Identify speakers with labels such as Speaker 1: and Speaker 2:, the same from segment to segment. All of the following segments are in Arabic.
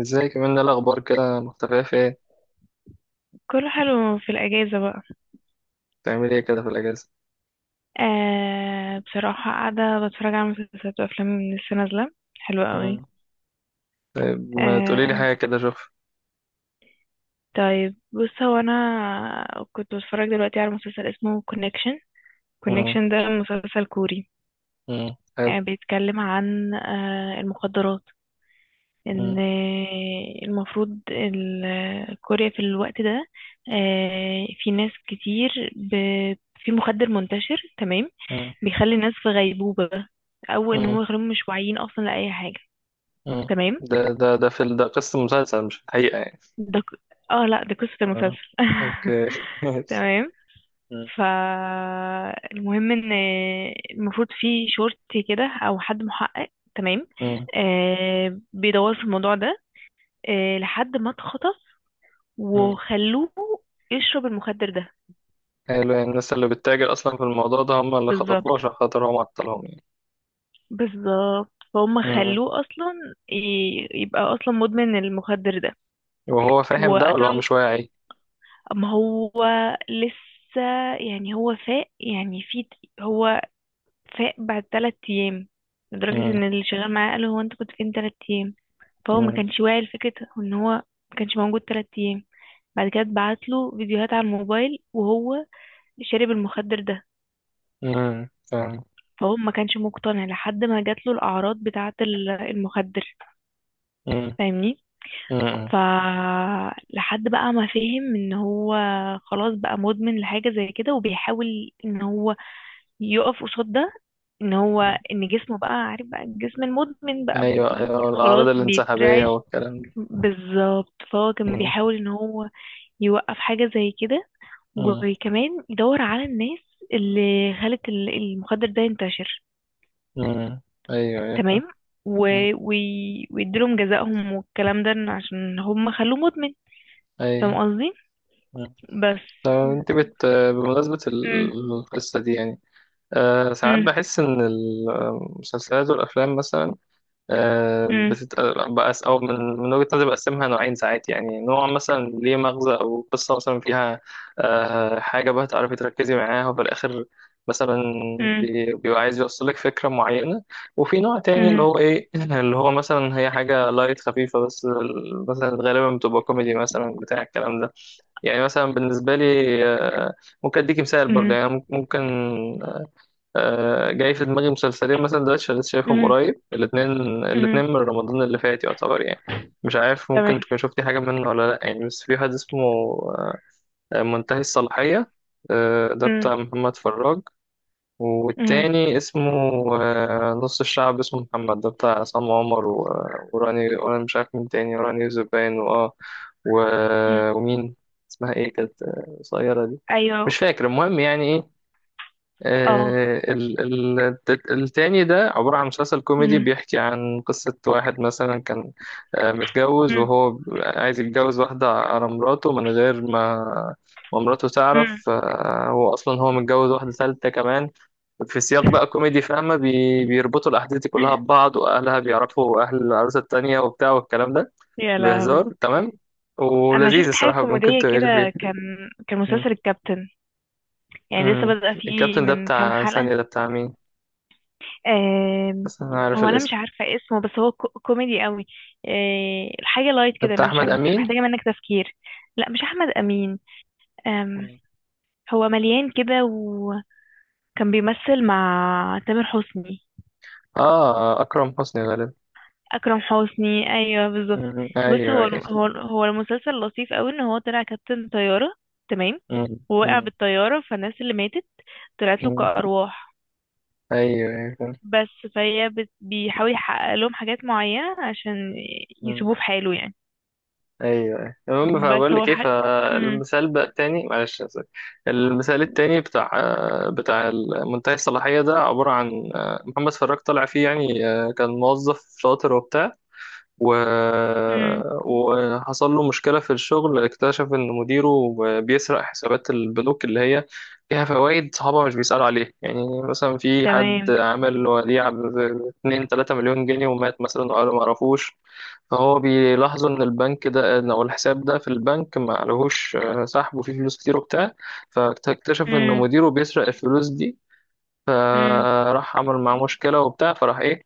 Speaker 1: ازاي كمان ده الاخبار كده مختفيه في ايه؟
Speaker 2: كله حلو في الأجازة بقى.
Speaker 1: بتعملي ايه كده في الاجازه؟
Speaker 2: بصراحة قاعدة بتفرج على مسلسلات وأفلام لسه نازلة، حلوة قوي.
Speaker 1: مم. طيب، ما تقولي لي
Speaker 2: آه
Speaker 1: حاجه كده اشوف.
Speaker 2: طيب بص، هو أنا كنت بتفرج دلوقتي على مسلسل اسمه كونكشن.
Speaker 1: مم.
Speaker 2: كونكشن ده مسلسل كوري.
Speaker 1: مم. حلو.
Speaker 2: بيتكلم عن المخدرات. إن
Speaker 1: مم.
Speaker 2: المفروض كوريا في الوقت ده في ناس كتير في مخدر منتشر. تمام.
Speaker 1: مم.
Speaker 2: بيخلي الناس في غيبوبة، او ان هم
Speaker 1: مم.
Speaker 2: يخلوهم مش واعيين اصلا لاي حاجه.
Speaker 1: مم.
Speaker 2: تمام.
Speaker 1: ده ده قصه مسلسل مش الحقيقه يعني.
Speaker 2: ده ك... اه لا، دي قصه
Speaker 1: اه،
Speaker 2: المسلسل.
Speaker 1: اوكي ماشي.
Speaker 2: تمام.
Speaker 1: مم.
Speaker 2: فالمهم ان المفروض في شرطي كده او حد محقق. تمام.
Speaker 1: مم.
Speaker 2: بيدور في الموضوع ده، لحد ما اتخطف
Speaker 1: مم.
Speaker 2: وخلوه يشرب المخدر ده.
Speaker 1: حلو، يعني الناس اللي بتتاجر اصلا في الموضوع ده هم اللي
Speaker 2: بالظبط،
Speaker 1: خطفوه عشان خاطر هو معطلهم يعني.
Speaker 2: بالظبط. فهم
Speaker 1: مم.
Speaker 2: خلوه اصلا يبقى اصلا مدمن المخدر ده
Speaker 1: وهو فاهم ده ولا هو
Speaker 2: وقتلوا.
Speaker 1: مش واعي؟
Speaker 2: ما هو لسه يعني هو فاق يعني في، هو فاق بعد 3 ايام، لدرجة ان
Speaker 1: مم.
Speaker 2: اللي شغال معاه قال له: هو انت كنت فين 3 ايام؟ فهو ما
Speaker 1: مم.
Speaker 2: كانش واعي لفكرة ان هو ما كانش موجود 3 ايام. بعد كده اتبعت له فيديوهات على الموبايل وهو شارب المخدر ده.
Speaker 1: مم. فاهم.
Speaker 2: فهو ما كانش مقتنع لحد ما جات له الاعراض بتاعة المخدر.
Speaker 1: مم.
Speaker 2: فاهمني؟
Speaker 1: مم.
Speaker 2: ف لحد بقى ما فهم ان هو خلاص بقى مدمن لحاجة زي كده، وبيحاول ان هو يقف قصاد ده. ان هو ان جسمه بقى عارف، بقى الجسم المدمن بقى
Speaker 1: ايوه،
Speaker 2: بي
Speaker 1: ايوه، الاعراض
Speaker 2: خلاص
Speaker 1: الانسحابيه
Speaker 2: بيترعش.
Speaker 1: والكلام ده.
Speaker 2: بالظبط. فهو كان
Speaker 1: مم.
Speaker 2: بيحاول ان هو يوقف حاجة زي كده،
Speaker 1: مم.
Speaker 2: وكمان يدور على الناس اللي خلت المخدر ده ينتشر.
Speaker 1: مم. ايوه، ايوه، فاهم.
Speaker 2: تمام. و...
Speaker 1: مم.
Speaker 2: ويديلهم جزائهم والكلام ده، إن عشان هم خلوه مدمن. فاهم
Speaker 1: ايوه.
Speaker 2: قصدي؟
Speaker 1: مم.
Speaker 2: بس.
Speaker 1: طب انت بت بمناسبة
Speaker 2: مم.
Speaker 1: القصة دي يعني. ساعات
Speaker 2: مم.
Speaker 1: بحس ان المسلسلات والافلام مثلا، آه،
Speaker 2: مم.
Speaker 1: بتت... بقى أو من وجهة نظري بقسمها نوعين، ساعات يعني نوع مثلا ليه مغزى أو قصة مثلا فيها حاجة بقى تعرفي تركزي معاها وفي الآخر، مثلا
Speaker 2: مم.
Speaker 1: بيبقى عايز يوصلك فكرة معينة. وفي نوع تاني اللي
Speaker 2: مم.
Speaker 1: هو إيه اللي هو مثلا هي حاجة لايت خفيفة بس مثلا غالبا بتبقى كوميدي مثلا بتاع الكلام ده. يعني مثلا بالنسبة لي، آه، ممكن أديك مثال برضه يعني ممكن، جاي في دماغي مسلسلين مثلا دلوقتي شغال شايفهم
Speaker 2: مم.
Speaker 1: قريب الاتنين.
Speaker 2: مم.
Speaker 1: الاتنين من رمضان اللي فات يعتبر يعني، مش عارف ممكن
Speaker 2: تمام.
Speaker 1: تكون شفتي حاجة منه ولا لأ، يعني بس في واحد اسمه منتهي الصلاحية، ده
Speaker 2: مم.
Speaker 1: بتاع محمد فراج. والتاني اسمه نص الشعب، اسمه محمد، ده بتاع عصام عمر وراني، وأنا مش عارف مين تاني، وراني زبان
Speaker 2: مم.
Speaker 1: ومين اسمها ايه، كانت قصيرة دي،
Speaker 2: ايوه.
Speaker 1: مش فاكر. المهم يعني ايه،
Speaker 2: اه.
Speaker 1: التاني ده عبارة عن مسلسل كوميدي
Speaker 2: مم.
Speaker 1: بيحكي عن قصة واحد مثلا كان متجوز
Speaker 2: مم.
Speaker 1: وهو عايز يتجوز واحدة على مراته من غير ما ما مراته
Speaker 2: مم.
Speaker 1: تعرف، هو أصلا هو متجوز واحدة ثالثة كمان في سياق بقى كوميدي، فاهمة، بيربطوا الأحداث دي كلها ببعض، وأهلها بيعرفوا أهل العروسة التانية وبتاع والكلام ده.
Speaker 2: يا لهوي.
Speaker 1: بهزار تمام
Speaker 2: انا شفت
Speaker 1: ولذيذ
Speaker 2: حاجه
Speaker 1: الصراحة، ممكن
Speaker 2: كوميديه
Speaker 1: تقري فيه.
Speaker 2: كده، كان كان
Speaker 1: م-
Speaker 2: مسلسل الكابتن. يعني لسه
Speaker 1: م.
Speaker 2: بدأ فيه
Speaker 1: الكابتن ده
Speaker 2: من كام
Speaker 1: بتاع
Speaker 2: حلقه.
Speaker 1: ثانية، ده بتاع مين؟
Speaker 2: آم،
Speaker 1: بس انا عارف
Speaker 2: هو انا مش
Speaker 1: الاسم.
Speaker 2: عارفه اسمه، بس هو كوميدي قوي. الحاجه لايت
Speaker 1: ده
Speaker 2: كده،
Speaker 1: بتاع
Speaker 2: مش
Speaker 1: احمد
Speaker 2: مش
Speaker 1: امين.
Speaker 2: محتاجه منك تفكير. لا مش احمد امين. آم،
Speaker 1: مم.
Speaker 2: هو مليان كده وكان بيمثل مع تامر حسني.
Speaker 1: اه، اكرم حسني غالبا.
Speaker 2: اكرم حسني، ايوه بالظبط.
Speaker 1: مم.
Speaker 2: بص
Speaker 1: ايوه،
Speaker 2: هو
Speaker 1: ايوه.
Speaker 2: هو المسلسل لطيف قوي ان هو طلع كابتن طياره. تمام.
Speaker 1: مم.
Speaker 2: ووقع
Speaker 1: مم.
Speaker 2: بالطياره، فالناس اللي ماتت طلعت له
Speaker 1: مم.
Speaker 2: كارواح.
Speaker 1: ايوه، ايوه، فاهم.
Speaker 2: بس فهي بيحاول يحقق لهم حاجات معينه عشان
Speaker 1: مم.
Speaker 2: يسيبوه في حاله يعني.
Speaker 1: ايوه، ايوه، المهم
Speaker 2: بس
Speaker 1: فبقول
Speaker 2: هو
Speaker 1: لك ايه،
Speaker 2: ح... مم.
Speaker 1: فالمثال بقى التاني، معلش أنا آسف. المثال التاني بتاع منتهي الصلاحيه ده عباره عن محمد فراج طالع فيه يعني كان موظف شاطر وبتاع و...
Speaker 2: مم.
Speaker 1: وحصل له مشكلة في الشغل، اكتشف إن مديره بيسرق حسابات البنوك اللي هي فيها فوائد صحابه مش بيسألوا عليه، يعني مثلا في حد
Speaker 2: تمام.
Speaker 1: عمل وديعة ب 2 3 مليون جنيه ومات مثلا وقالوا ما عرفوش، فهو بيلاحظوا إن البنك ده، أو الحساب ده في البنك ما عليهوش سحب، وفيه فلوس كتير وبتاع. فاكتشف إن
Speaker 2: مم.
Speaker 1: مديره بيسرق الفلوس دي،
Speaker 2: مم.
Speaker 1: فراح عمل معاه مشكلة وبتاع، فراح إيه،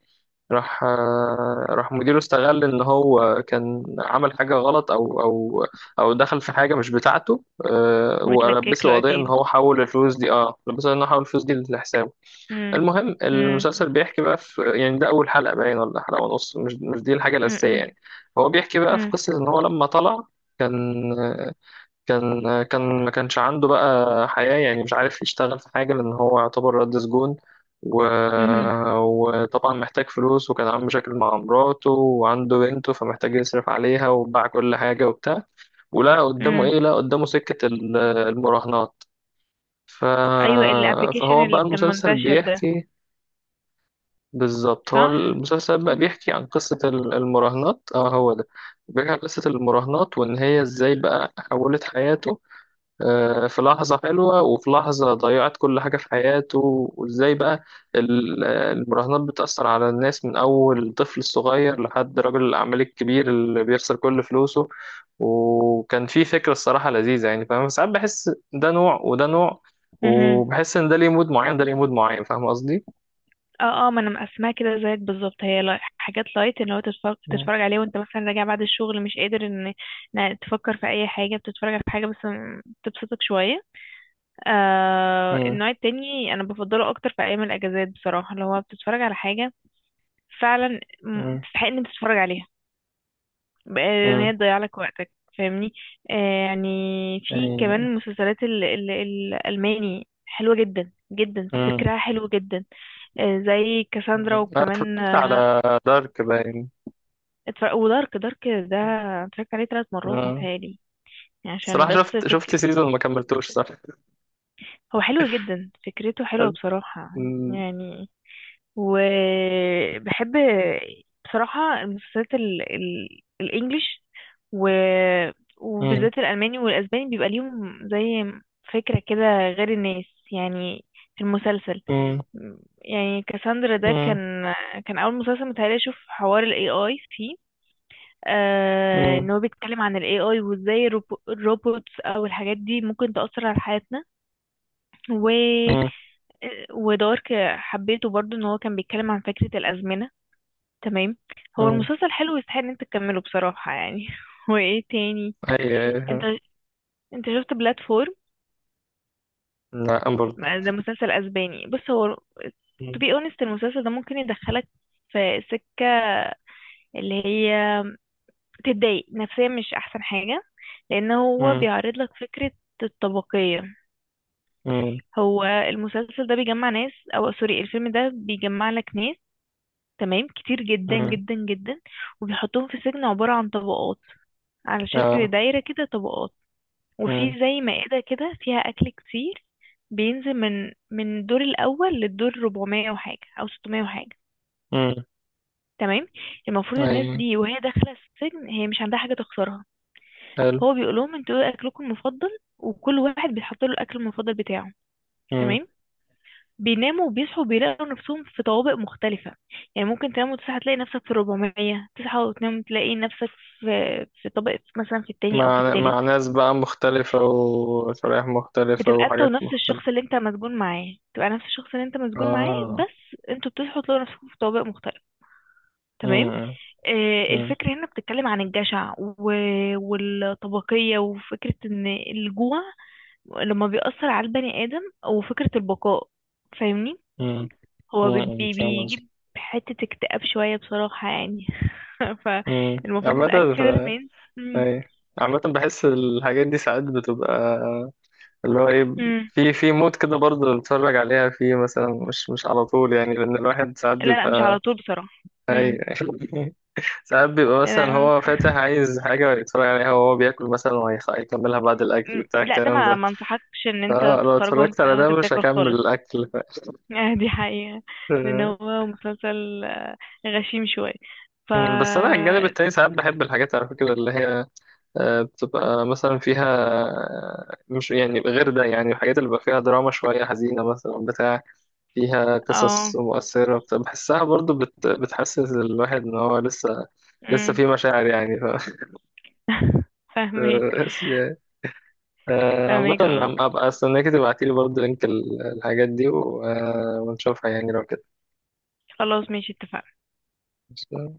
Speaker 1: راح مديره استغل ان هو كان عمل حاجه غلط او دخل في حاجه مش بتاعته،
Speaker 2: ويتلكك
Speaker 1: ولبسه
Speaker 2: له
Speaker 1: قضيه ان
Speaker 2: اكيد.
Speaker 1: هو حول الفلوس دي، لبسه ان هو حول الفلوس دي لحسابه.
Speaker 2: مم.
Speaker 1: المهم
Speaker 2: مم.
Speaker 1: المسلسل بيحكي بقى في يعني ده اول حلقه باين ولا حلقه ونص، مش دي الحاجه الاساسيه
Speaker 2: مم.
Speaker 1: يعني. هو بيحكي بقى في
Speaker 2: مم.
Speaker 1: قصه ان هو لما طلع كان كان ما كانش عنده بقى حياة يعني مش عارف يشتغل في حاجة لأن هو يعتبر رد سجون و...
Speaker 2: مم.
Speaker 1: وطبعا محتاج فلوس، وكان عنده مشاكل مع مراته وعنده بنته فمحتاج يصرف عليها وباع كل حاجة وبتاع، ولا قدامه
Speaker 2: مم.
Speaker 1: إيه، لا قدامه سكة المراهنات. ف...
Speaker 2: ايوه، الابلكيشن
Speaker 1: فهو بقى
Speaker 2: اللي كان
Speaker 1: المسلسل
Speaker 2: منتشر ده.
Speaker 1: بيحكي، بالظبط هو
Speaker 2: صح.
Speaker 1: المسلسل بقى بيحكي عن قصة المراهنات، اه، هو ده. بيحكي عن قصة المراهنات وإن هي إزاي بقى حولت حياته، في لحظة حلوة وفي لحظة ضيعت كل حاجة في حياته، وإزاي بقى المراهنات بتأثر على الناس من أول طفل صغير لحد رجل الأعمال الكبير اللي بيخسر كل فلوسه. وكان في فكرة الصراحة لذيذة، يعني فاهم، ساعات بحس ده نوع وده نوع،
Speaker 2: مهم.
Speaker 1: وبحس إن ده ليه مود معين ده ليه مود معين، فاهم قصدي؟
Speaker 2: اه اه، ما انا مقسماها كده زيك بالظبط. هي حاجات لايت اللي هو تتفرج
Speaker 1: مم.
Speaker 2: عليه وانت مثلا راجع بعد الشغل، مش قادر ان إن تفكر في اي حاجه، بتتفرج على حاجه بس تبسطك شويه. آه
Speaker 1: مم.
Speaker 2: النوع التاني انا بفضله اكتر في ايام الاجازات بصراحه، اللي هو بتتفرج على حاجه فعلا
Speaker 1: مم.
Speaker 2: تستحق ان أنت تتفرج عليها، ان
Speaker 1: مم.
Speaker 2: هي تضيع لك وقتك. فاهمني؟ آه يعني في
Speaker 1: يعني،
Speaker 2: كمان مسلسلات ال ال الالماني حلوه جدا جدا،
Speaker 1: مم.
Speaker 2: فكرها حلو جدا. آه، زي كاساندرا،
Speaker 1: مم. أنا
Speaker 2: وكمان
Speaker 1: اتفرجت
Speaker 2: آه،
Speaker 1: على دارك، باين.
Speaker 2: اتفرج. ودارك ده اتفرجت عليه 3 مرات
Speaker 1: مم.
Speaker 2: متهيألي، يعني عشان
Speaker 1: الصراحة
Speaker 2: بس
Speaker 1: شفت شفت سيزون ما كملتوش، صح؟
Speaker 2: هو حلو جدا، فكرته حلوة بصراحة
Speaker 1: مم.
Speaker 2: يعني. وبحب بصراحة المسلسلات الإنجليش، و...
Speaker 1: مم.
Speaker 2: وبالذات الألماني والأسباني، بيبقى ليهم زي فكرة كده غير الناس يعني في المسلسل.
Speaker 1: مم.
Speaker 2: يعني كاساندرا ده
Speaker 1: مم.
Speaker 2: كان كان أول مسلسل متهيألي أشوف حوار ال AI فيه. آه
Speaker 1: مم.
Speaker 2: ان هو بيتكلم عن ال AI وازاي الروبوتس او الحاجات دي ممكن تأثر على حياتنا. و
Speaker 1: مم.
Speaker 2: ودارك حبيته برضو، ان هو كان بيتكلم عن فكرة الأزمنة. تمام. هو
Speaker 1: مم.
Speaker 2: المسلسل حلو ويستحق ان انت تكمله بصراحة يعني. وايه تاني؟
Speaker 1: أيوة،
Speaker 2: انت
Speaker 1: أيوة.
Speaker 2: شفت بلاتفورم؟
Speaker 1: لا، أنا برضه.
Speaker 2: ده مسلسل اسباني. بص هو to
Speaker 1: مم.
Speaker 2: be honest المسلسل ده ممكن يدخلك في سكة اللي هي تضايق نفسيا، مش احسن حاجة، لان هو
Speaker 1: مم.
Speaker 2: بيعرض لك فكرة الطبقية.
Speaker 1: مم.
Speaker 2: هو المسلسل ده بيجمع ناس، او سوري، الفيلم ده بيجمع لك ناس تمام كتير جدا
Speaker 1: مم.
Speaker 2: جدا جدا، وبيحطهم في سجن عبارة عن طبقات، على شكل
Speaker 1: آه.
Speaker 2: دايرة كده طبقات،
Speaker 1: مم.
Speaker 2: وفي زي مائدة كده فيها أكل كتير، بينزل من الدور الأول للدور 400 وحاجة أو 600 وحاجة.
Speaker 1: مم.
Speaker 2: تمام. المفروض الناس
Speaker 1: أيوة.
Speaker 2: دي وهي داخلة السجن هي مش عندها حاجة تخسرها.
Speaker 1: حلو.
Speaker 2: هو بيقول لهم: انتوا ايه أكلكم المفضل؟ وكل واحد بيحط له الأكل المفضل بتاعه.
Speaker 1: مم.
Speaker 2: تمام. بيناموا وبيصحوا بيلاقوا نفسهم في طوابق مختلفة. يعني ممكن تنام وتصحى تلاقي نفسك في الربعمية، تصحى وتنام تلاقي نفسك في في طابق مثلا في التاني أو في
Speaker 1: مع
Speaker 2: التالت.
Speaker 1: ناس بقى مختلفة وشرائح مختلفة
Speaker 2: بتبقى انت
Speaker 1: وحاجات
Speaker 2: ونفس الشخص
Speaker 1: مختلفة.
Speaker 2: اللي انت مسجون معاه، بتبقى نفس الشخص اللي انت مسجون معاه،
Speaker 1: آه.
Speaker 2: بس انتوا بتصحوا تلاقوا نفسكم في طوابق مختلفة. تمام.
Speaker 1: مم.
Speaker 2: آه
Speaker 1: مم.
Speaker 2: الفكرة هنا بتتكلم عن الجشع والطبقية، وفكرة ان الجوع لما بيأثر على البني آدم، وفكرة البقاء. فاهمني؟
Speaker 1: مم.
Speaker 2: هو
Speaker 1: مم. فاهم قصدي.
Speaker 2: بيجيب حتة اكتئاب شوية بصراحة يعني.
Speaker 1: امم
Speaker 2: فالمفروض
Speaker 1: عامة،
Speaker 2: الأكل ده لما
Speaker 1: ف-
Speaker 2: ينزل. مم.
Speaker 1: أيوة، عامة بحس الحاجات دي ساعات بتبقى اللي هو ايه،
Speaker 2: مم.
Speaker 1: في مود كده برضه نتفرج عليها فيه مثلا، مش على طول يعني لأن الواحد ساعات
Speaker 2: لا لا، مش
Speaker 1: بيبقى،
Speaker 2: على طول بصراحة.
Speaker 1: أي
Speaker 2: مم.
Speaker 1: ساعات بيبقى مثلا
Speaker 2: لا.
Speaker 1: هو فاتح عايز حاجة يتفرج عليها وهو بياكل مثلا وهيكملها بعد الأكل
Speaker 2: مم.
Speaker 1: بتاع
Speaker 2: لا، ده
Speaker 1: الكلام
Speaker 2: ما
Speaker 1: ده،
Speaker 2: ما انصحكش ان انت
Speaker 1: فلو
Speaker 2: تتفرج
Speaker 1: اتفرجت
Speaker 2: وانت
Speaker 1: على ده مش
Speaker 2: بتاكل
Speaker 1: هكمل
Speaker 2: خالص.
Speaker 1: الأكل.
Speaker 2: آه، دي حقيقة. لان هو مسلسل غشيم شوية. ف
Speaker 1: بس أنا على الجانب التاني ساعات بحب الحاجات على فكرة اللي هي بتبقى مثلا فيها مش يعني غير ده، يعني الحاجات اللي بيبقى فيها دراما شوية حزينة مثلا بتاع، فيها
Speaker 2: اه.
Speaker 1: قصص مؤثرة، بحسها برضو بتحسس الواحد إن هو لسه
Speaker 2: مم.
Speaker 1: في مشاعر يعني.
Speaker 2: فاهمك.
Speaker 1: عامة،
Speaker 2: فاهمك اه.
Speaker 1: أبقى أستناك تبعتيلي برضو لينك الحاجات دي ونشوفها يعني لو
Speaker 2: خلاص ماشي، اتفقنا.
Speaker 1: كده